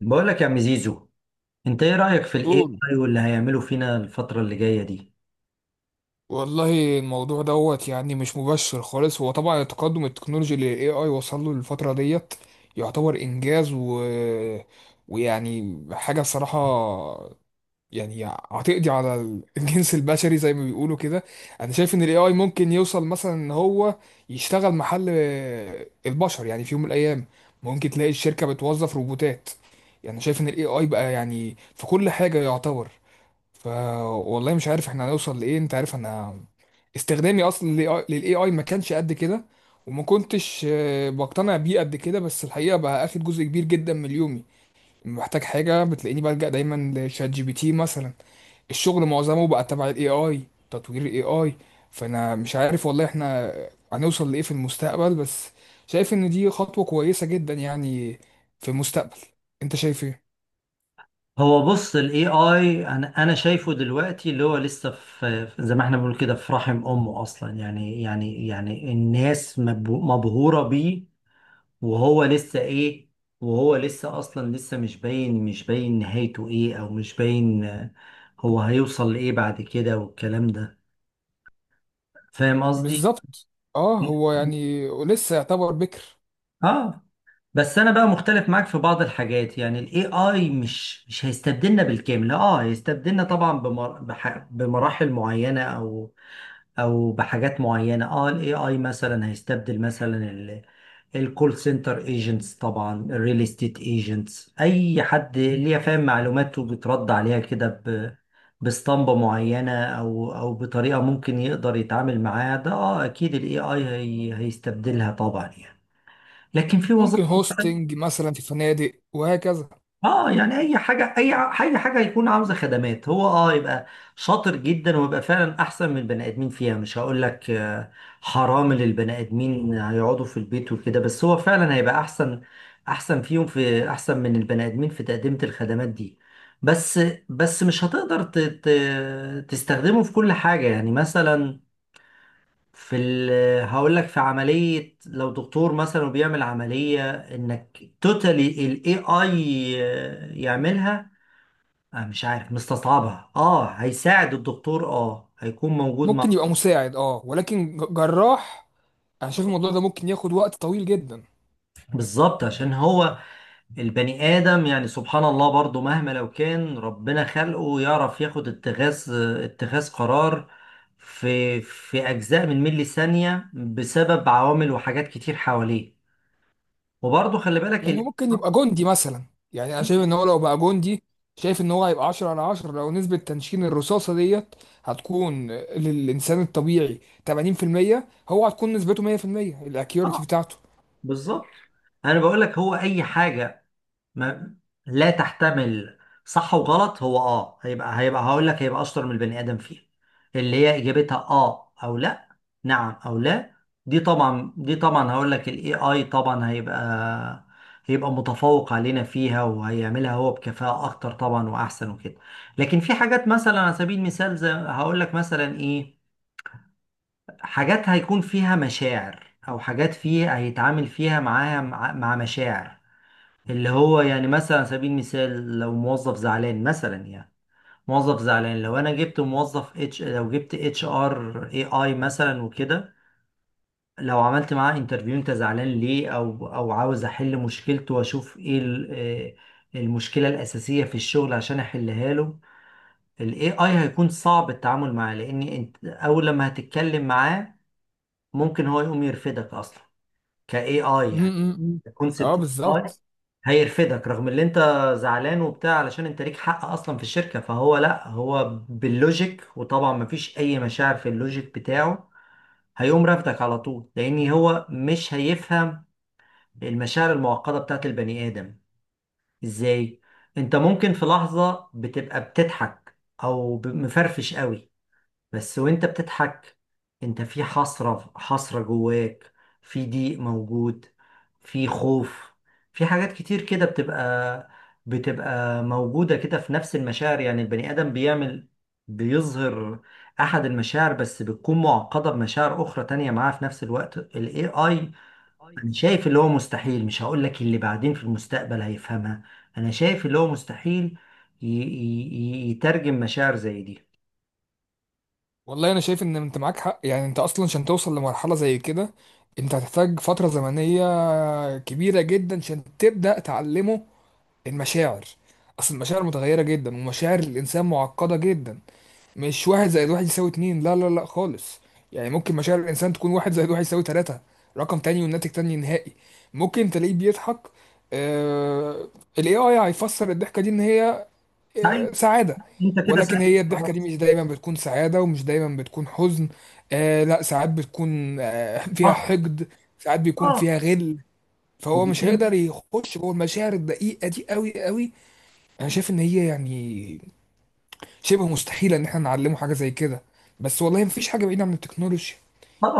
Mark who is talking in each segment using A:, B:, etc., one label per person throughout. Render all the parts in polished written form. A: بقول لك يا عم زيزو، انت ايه رأيك في الاي
B: قول.
A: اي واللي هيعمله فينا الفترة اللي جاية دي؟
B: والله الموضوع دوت يعني مش مبشر خالص. هو طبعا التقدم التكنولوجي اللي الاي اي وصل له الفترة ديت يعتبر انجاز. ويعني حاجة الصراحة، يعني هتقضي على الجنس البشري زي ما بيقولوا كده. انا شايف ان الاي اي ممكن يوصل مثلا ان هو يشتغل محل البشر يعني في يوم من الايام. ممكن تلاقي الشركة بتوظف روبوتات. يعني شايف ان الاي اي بقى يعني في كل حاجة يعتبر. ف والله مش عارف احنا هنوصل لايه. انت عارف انا استخدامي اصلا للاي اي ما كانش قد كده، وما كنتش بقتنع بيه قد كده. بس الحقيقه بقى اخد جزء كبير جدا من يومي. لما بحتاج حاجه بتلاقيني بلجأ دايما لشات جي بي تي مثلا. الشغل معظمه بقى تبع الاي اي، تطوير الاي اي. فانا مش عارف والله احنا هنوصل لايه في المستقبل، بس شايف ان دي خطوه كويسه جدا يعني في المستقبل. انت شايف ايه؟
A: هو بص الاي اي انا شايفه دلوقتي اللي هو لسه زي ما احنا بنقول كده في رحم امه اصلا. يعني الناس مبهورة بيه وهو لسه ايه، وهو لسه اصلا لسه مش باين، مش باين نهايته ايه، او مش باين هو هيوصل لايه بعد كده والكلام ده. فاهم قصدي؟
B: بالظبط. اه هو يعني لسه يعتبر بكر.
A: اه. بس انا بقى مختلف معاك في بعض الحاجات. يعني الاي اي مش هيستبدلنا بالكامل، اه هيستبدلنا طبعا بمراحل معينه او او بحاجات معينه. اه الاي اي مثلا هيستبدل مثلا الكول سنتر ايجنتس، طبعا الريل استيت ايجنتس، اي حد ليه فاهم معلومات وبترد عليها كده باسطمبة معينة، أو أو بطريقة ممكن يقدر يتعامل معاها. ده أه أكيد ال AI هي هيستبدلها طبعا يعني، لكن في
B: ممكن
A: وظائف.
B: هوستنج مثلا في فنادق وهكذا.
A: اه يعني اي حاجه اي حاجه هيكون عاوزه خدمات، هو اه يبقى شاطر جدا ويبقى فعلا احسن من البني ادمين فيها. مش هقول لك حرام اللي البني ادمين هيقعدوا في البيت وكده، بس هو فعلا هيبقى احسن، احسن فيهم، في احسن من البني ادمين في تقديم الخدمات دي. بس بس مش هتقدر تستخدمه في كل حاجه. يعني مثلا في ال هقول لك في عملية، لو دكتور مثلا وبيعمل عملية، انك توتالي الاي اي يعملها، آه مش عارف، مستصعبها. اه هيساعد الدكتور، اه هيكون موجود
B: ممكن
A: مع.
B: يبقى مساعد اه، ولكن جراح. انا شايف الموضوع ده ممكن ياخد وقت طويل جدا.
A: بالظبط عشان هو البني آدم يعني سبحان الله برضو مهما لو كان ربنا خلقه يعرف ياخد اتخاذ، اتخاذ قرار في في أجزاء من ملي ثانية بسبب عوامل وحاجات كتير حواليه. وبرضو خلي بالك.
B: يعني هو ممكن يبقى جندي مثلا. يعني انا شايف ان هو لو بقى جندي، شايف ان هو هيبقى 10 على 10 لو نسبة تنشين الرصاصة ديت هتكون للإنسان الطبيعي 80%، هو هتكون نسبته 100%،
A: ال...
B: الأكيوريتي بتاعته.
A: بالظبط. انا بقول لك هو اي حاجه ما لا تحتمل صح وغلط، هو اه هيبقى هقول لك هيبقى اشطر من البني ادم فيها، اللي هي اجابتها اه او لا، نعم او لا. دي طبعا هقول لك الاي اي طبعا هيبقى متفوق علينا فيها وهيعملها هو بكفاءة اكتر طبعا واحسن وكده. لكن في حاجات مثلا على سبيل المثال، زي هقول لك مثلا ايه، حاجات هيكون فيها مشاعر، او حاجات فيها هيتعامل فيها معاها مع مشاعر. اللي هو يعني مثلا على سبيل المثال لو موظف زعلان مثلا، يعني موظف زعلان، لو انا جبت موظف اتش، لو جبت اتش ار اي اي مثلا وكده، لو عملت معاه انترفيو، انت زعلان ليه، او او عاوز احل مشكلته واشوف ايه المشكلة الأساسية في الشغل عشان احلها له. الاي اي هيكون صعب التعامل معاه، لان انت اول لما هتتكلم معاه ممكن هو يقوم يرفدك اصلا كاي اي
B: م-
A: يعني،
B: م- م. اه
A: كونسبت.
B: بالظبط.
A: هيرفدك رغم اللي انت زعلان وبتاع، علشان انت ليك حق اصلا في الشركة، فهو لا، هو باللوجيك، وطبعا مفيش اي مشاعر في اللوجيك بتاعه، هيقوم رافدك على طول، لان هو مش هيفهم المشاعر المعقدة بتاعت البني ادم. ازاي؟ انت ممكن في لحظة بتبقى بتضحك مفرفش قوي، بس وانت بتضحك انت في حسرة، حسرة جواك، في ضيق موجود، في خوف، في حاجات كتير كده بتبقى موجودة كده في نفس المشاعر. يعني البني آدم بيعمل، بيظهر أحد المشاعر بس بتكون معقدة بمشاعر أخرى تانية معاه في نفس الوقت. ال AI، أنا شايف اللي هو مستحيل، مش هقول لك اللي بعدين في المستقبل هيفهمها، أنا شايف اللي هو مستحيل يترجم مشاعر زي دي.
B: والله انا شايف ان انت معاك حق، يعني انت اصلا عشان توصل لمرحله زي كده انت هتحتاج فتره زمنيه كبيره جدا عشان تبدا تعلمه المشاعر. اصل المشاعر متغيره جدا ومشاعر الانسان معقده جدا. مش واحد زائد واحد يساوي اتنين، لا لا لا خالص. يعني ممكن مشاعر الانسان تكون واحد زائد واحد يساوي تلاته، رقم تاني والناتج تاني نهائي. ممكن تلاقيه بيضحك. آه... الاي اي هيفسر الضحكه دي ان هي
A: صحيح.
B: سعادة.
A: انت كده
B: ولكن
A: ساعتها
B: هي الضحكة دي
A: خلاص.
B: مش دايما بتكون سعادة ومش دايما بتكون حزن. آه لا، ساعات بتكون فيها
A: اه.
B: حقد، ساعات بيكون
A: اه.
B: فيها غل. فهو مش
A: وبيكون.
B: هيقدر يخش جوه المشاعر الدقيقة دي قوي قوي. انا شايف ان هي يعني شبه مستحيلة ان احنا نعلمه حاجة زي كده. بس والله مفيش حاجة بعيدة عن التكنولوجيا.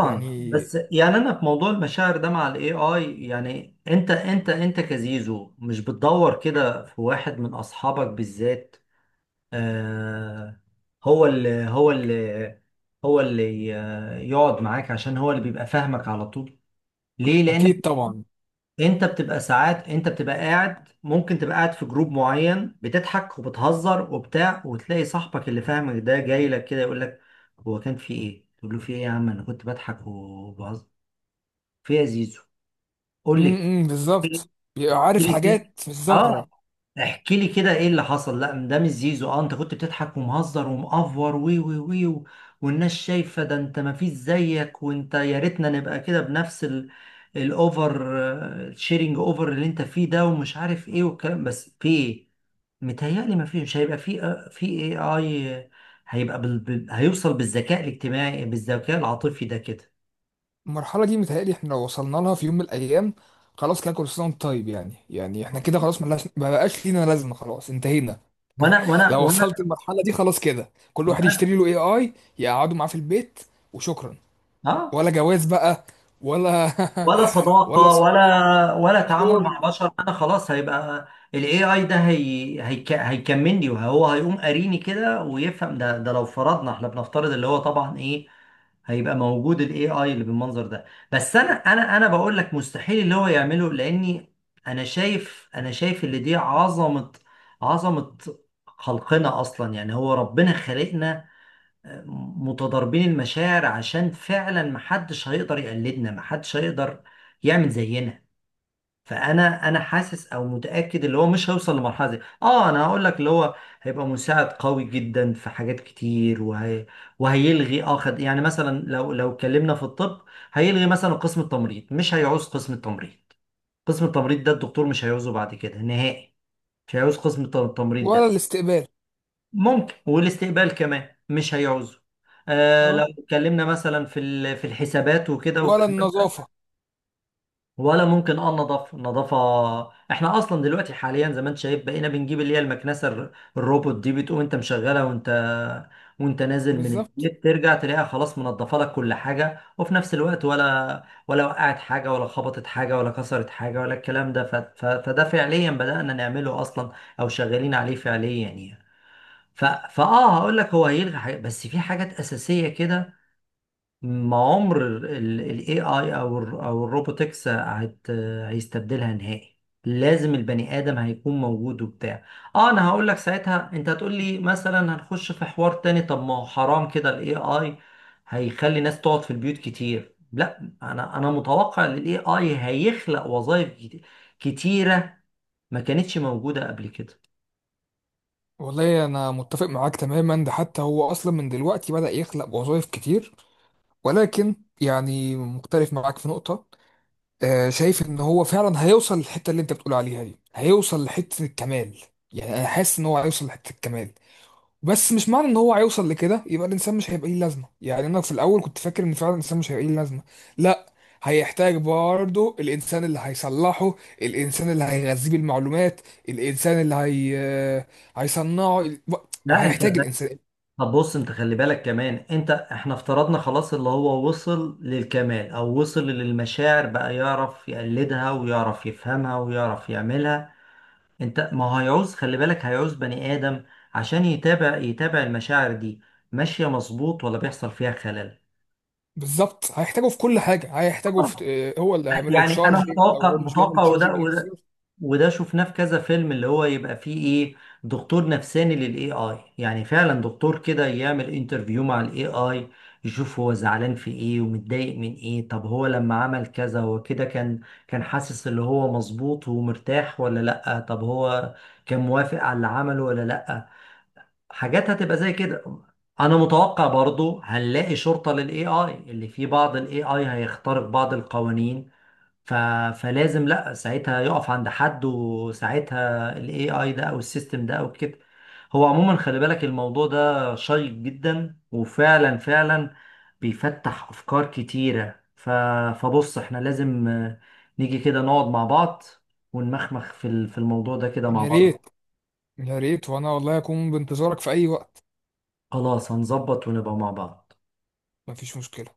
B: يعني
A: بس يعني انا في موضوع المشاعر ده مع الاي اي، يعني انت كزيزو مش بتدور كده في واحد من اصحابك بالذات، آه، هو اللي هو اللي هو اللي يقعد معاك عشان هو اللي بيبقى فاهمك على طول؟ ليه؟ لان
B: اكيد طبعا.
A: انت بتبقى ساعات، انت بتبقى قاعد، ممكن تبقى قاعد في جروب معين بتضحك وبتهزر وبتاع، وتلاقي صاحبك اللي فاهمك ده جاي لك كده يقول لك هو كان في ايه؟ تقول له في ايه يا عم، انا كنت بضحك وبهزر. في إيه يا زيزو؟ قول لي كده. في
B: بالظبط.
A: إيه؟
B: بيبقى
A: في
B: عارف
A: إيه؟ في إيه؟
B: حاجات مش ظاهرة.
A: اه احكي لي كده ايه اللي حصل. لا ده مش زيزو، اه انت كنت بتضحك ومهزر ومقفر والناس شايفه ده، انت ما فيش زيك، وانت يا ريتنا نبقى كده بنفس ال الاوفر، الشيرنج اوفر اللي انت فيه ده ومش عارف ايه والكلام، بس في ايه. متهيألي ما فيش هيبقى في في اي اي هيبقى هيوصل بالذكاء الاجتماعي بالذكاء العاطفي ده كده.
B: المرحلة دي متهيألي احنا لو وصلنا لها في يوم من الأيام خلاص كده، كل سنة وانت طيب، يعني احنا كده خلاص ملهاش، ما بقاش لينا لازمة، خلاص انتهينا.
A: وانا وانا
B: لو وصلت
A: وانا,
B: المرحلة دي خلاص كده كل واحد
A: وأنا...
B: يشتري له اي اي، يقعدوا معاه في البيت وشكرا.
A: اه،
B: ولا جواز بقى، ولا
A: ولا
B: ولا
A: صداقة
B: صحاب،
A: ولا
B: ولا
A: تعامل مع
B: شغل،
A: بشر، انا خلاص هيبقى الاي اي ده هي هيكملني وهو هيقوم قاريني كده ويفهم. ده ده لو فرضنا، احنا بنفترض اللي هو طبعا ايه، هيبقى موجود الاي اي اللي بالمنظر ده. بس انا بقول لك مستحيل اللي هو يعمله، لاني انا شايف اللي دي عظمة، عظمة خلقنا اصلا. يعني هو ربنا خلقنا متضاربين المشاعر عشان فعلا محدش هيقدر يقلدنا، محدش هيقدر يعمل زينا. فانا حاسس او متاكد اللي هو مش هيوصل لمرحله دي. اه انا هقول لك اللي هو هيبقى مساعد قوي جدا في حاجات كتير، وهي وهيلغي اخد، يعني مثلا لو اتكلمنا في الطب، هيلغي مثلا قسم التمريض، مش هيعوز قسم التمريض، قسم التمريض ده الدكتور مش هيعوزه بعد كده نهائي، مش هيعوز قسم التمريض
B: ولا
A: ده.
B: الاستقبال.
A: ممكن، والاستقبال كمان مش هيعوزه. آه
B: اه،
A: لو اتكلمنا مثلا في في الحسابات وكده
B: ولا
A: والكلام.
B: النظافة.
A: ولا ممكن اه النظافه، النظافه احنا اصلا دلوقتي حاليا زي ما انت شايف بقينا بنجيب اللي هي المكنسه الروبوت دي، بتقوم انت مشغلها، وانت وانت نازل من
B: بالظبط.
A: البيت، ترجع تلاقيها خلاص منظفه لك كل حاجه، وفي نفس الوقت ولا وقعت حاجه، ولا خبطت حاجه، ولا كسرت حاجه، ولا الكلام ده. فده فعليا بدأنا نعمله اصلا، او شغالين عليه فعليا يعني. فاه هقول لك هو هيلغي حاجات، بس في حاجات اساسيه كده ما عمر الاي اي او ال او الروبوتكس هيستبدلها نهائي. لازم البني ادم هيكون موجود وبتاع. اه انا هقول لك ساعتها انت هتقول لي مثلا، هنخش في حوار تاني، طب ما هو حرام كده الاي اي هيخلي ناس تقعد في البيوت كتير. لا انا متوقع ان الاي اي هيخلق وظائف كتيره ما كانتش موجوده قبل كده.
B: والله انا متفق معاك تماما، ده حتى هو اصلا من دلوقتي بدأ يخلق وظائف كتير، ولكن يعني مختلف معاك في نقطة. شايف ان هو فعلا هيوصل للحته اللي انت بتقول عليها دي، هيوصل لحته الكمال. يعني انا حاسس ان هو هيوصل لحته الكمال. بس مش معنى ان هو هيوصل لكده يبقى الانسان مش هيبقى ليه لازمه. يعني انا في الاول كنت فاكر ان فعلا الانسان مش هيبقى ليه لازمه. لا، هيحتاج برضه الانسان اللي هيصلحه، الانسان اللي هيغذيه بالمعلومات، الانسان اللي هي آه، هيصنعه،
A: لا انت
B: هيحتاج الانسان.
A: طب بص، انت خلي بالك كمان، انت احنا افترضنا خلاص اللي هو وصل للكمال، او وصل للمشاعر بقى يعرف يقلدها ويعرف يفهمها ويعرف يعملها، انت ما هو هيعوز، خلي بالك هيعوز بني ادم عشان يتابع المشاعر دي ماشية مظبوط ولا بيحصل فيها خلل.
B: بالظبط، هيحتاجه في كل حاجه، هيحتاجه في
A: طبعا.
B: آه، هو اللي هيعمل له
A: يعني انا
B: تشارجنج لو هو مش بيعمل
A: متوقع،
B: تشارجنج
A: وده
B: يوصل.
A: وده شفناه في كذا فيلم، اللي هو يبقى فيه ايه، دكتور نفساني للاي اي. يعني فعلا دكتور كده يعمل انترفيو مع الاي اي يشوف هو زعلان في ايه، ومتضايق من ايه، طب هو لما عمل كذا هو كده كان، كان حاسس اللي هو مظبوط ومرتاح ولا لأ، طب هو كان موافق على اللي عمله ولا لأ. حاجات هتبقى زي كده. انا متوقع برضو هنلاقي شرطة للاي اي، اللي فيه بعض الاي اي هيخترق بعض القوانين، ف... فلازم لا ساعتها يقف عند حد، وساعتها الاي اي ده او السيستم ده او كده. هو عموما خلي بالك الموضوع ده شيق جدا وفعلا فعلا بيفتح افكار كتيرة. فبص احنا لازم نيجي كده نقعد مع بعض ونمخمخ في في الموضوع ده كده مع
B: يا
A: بعض.
B: ريت، يا ريت وانا والله اكون بانتظارك في اي وقت.
A: خلاص هنظبط ونبقى مع بعض.
B: مفيش مشكلة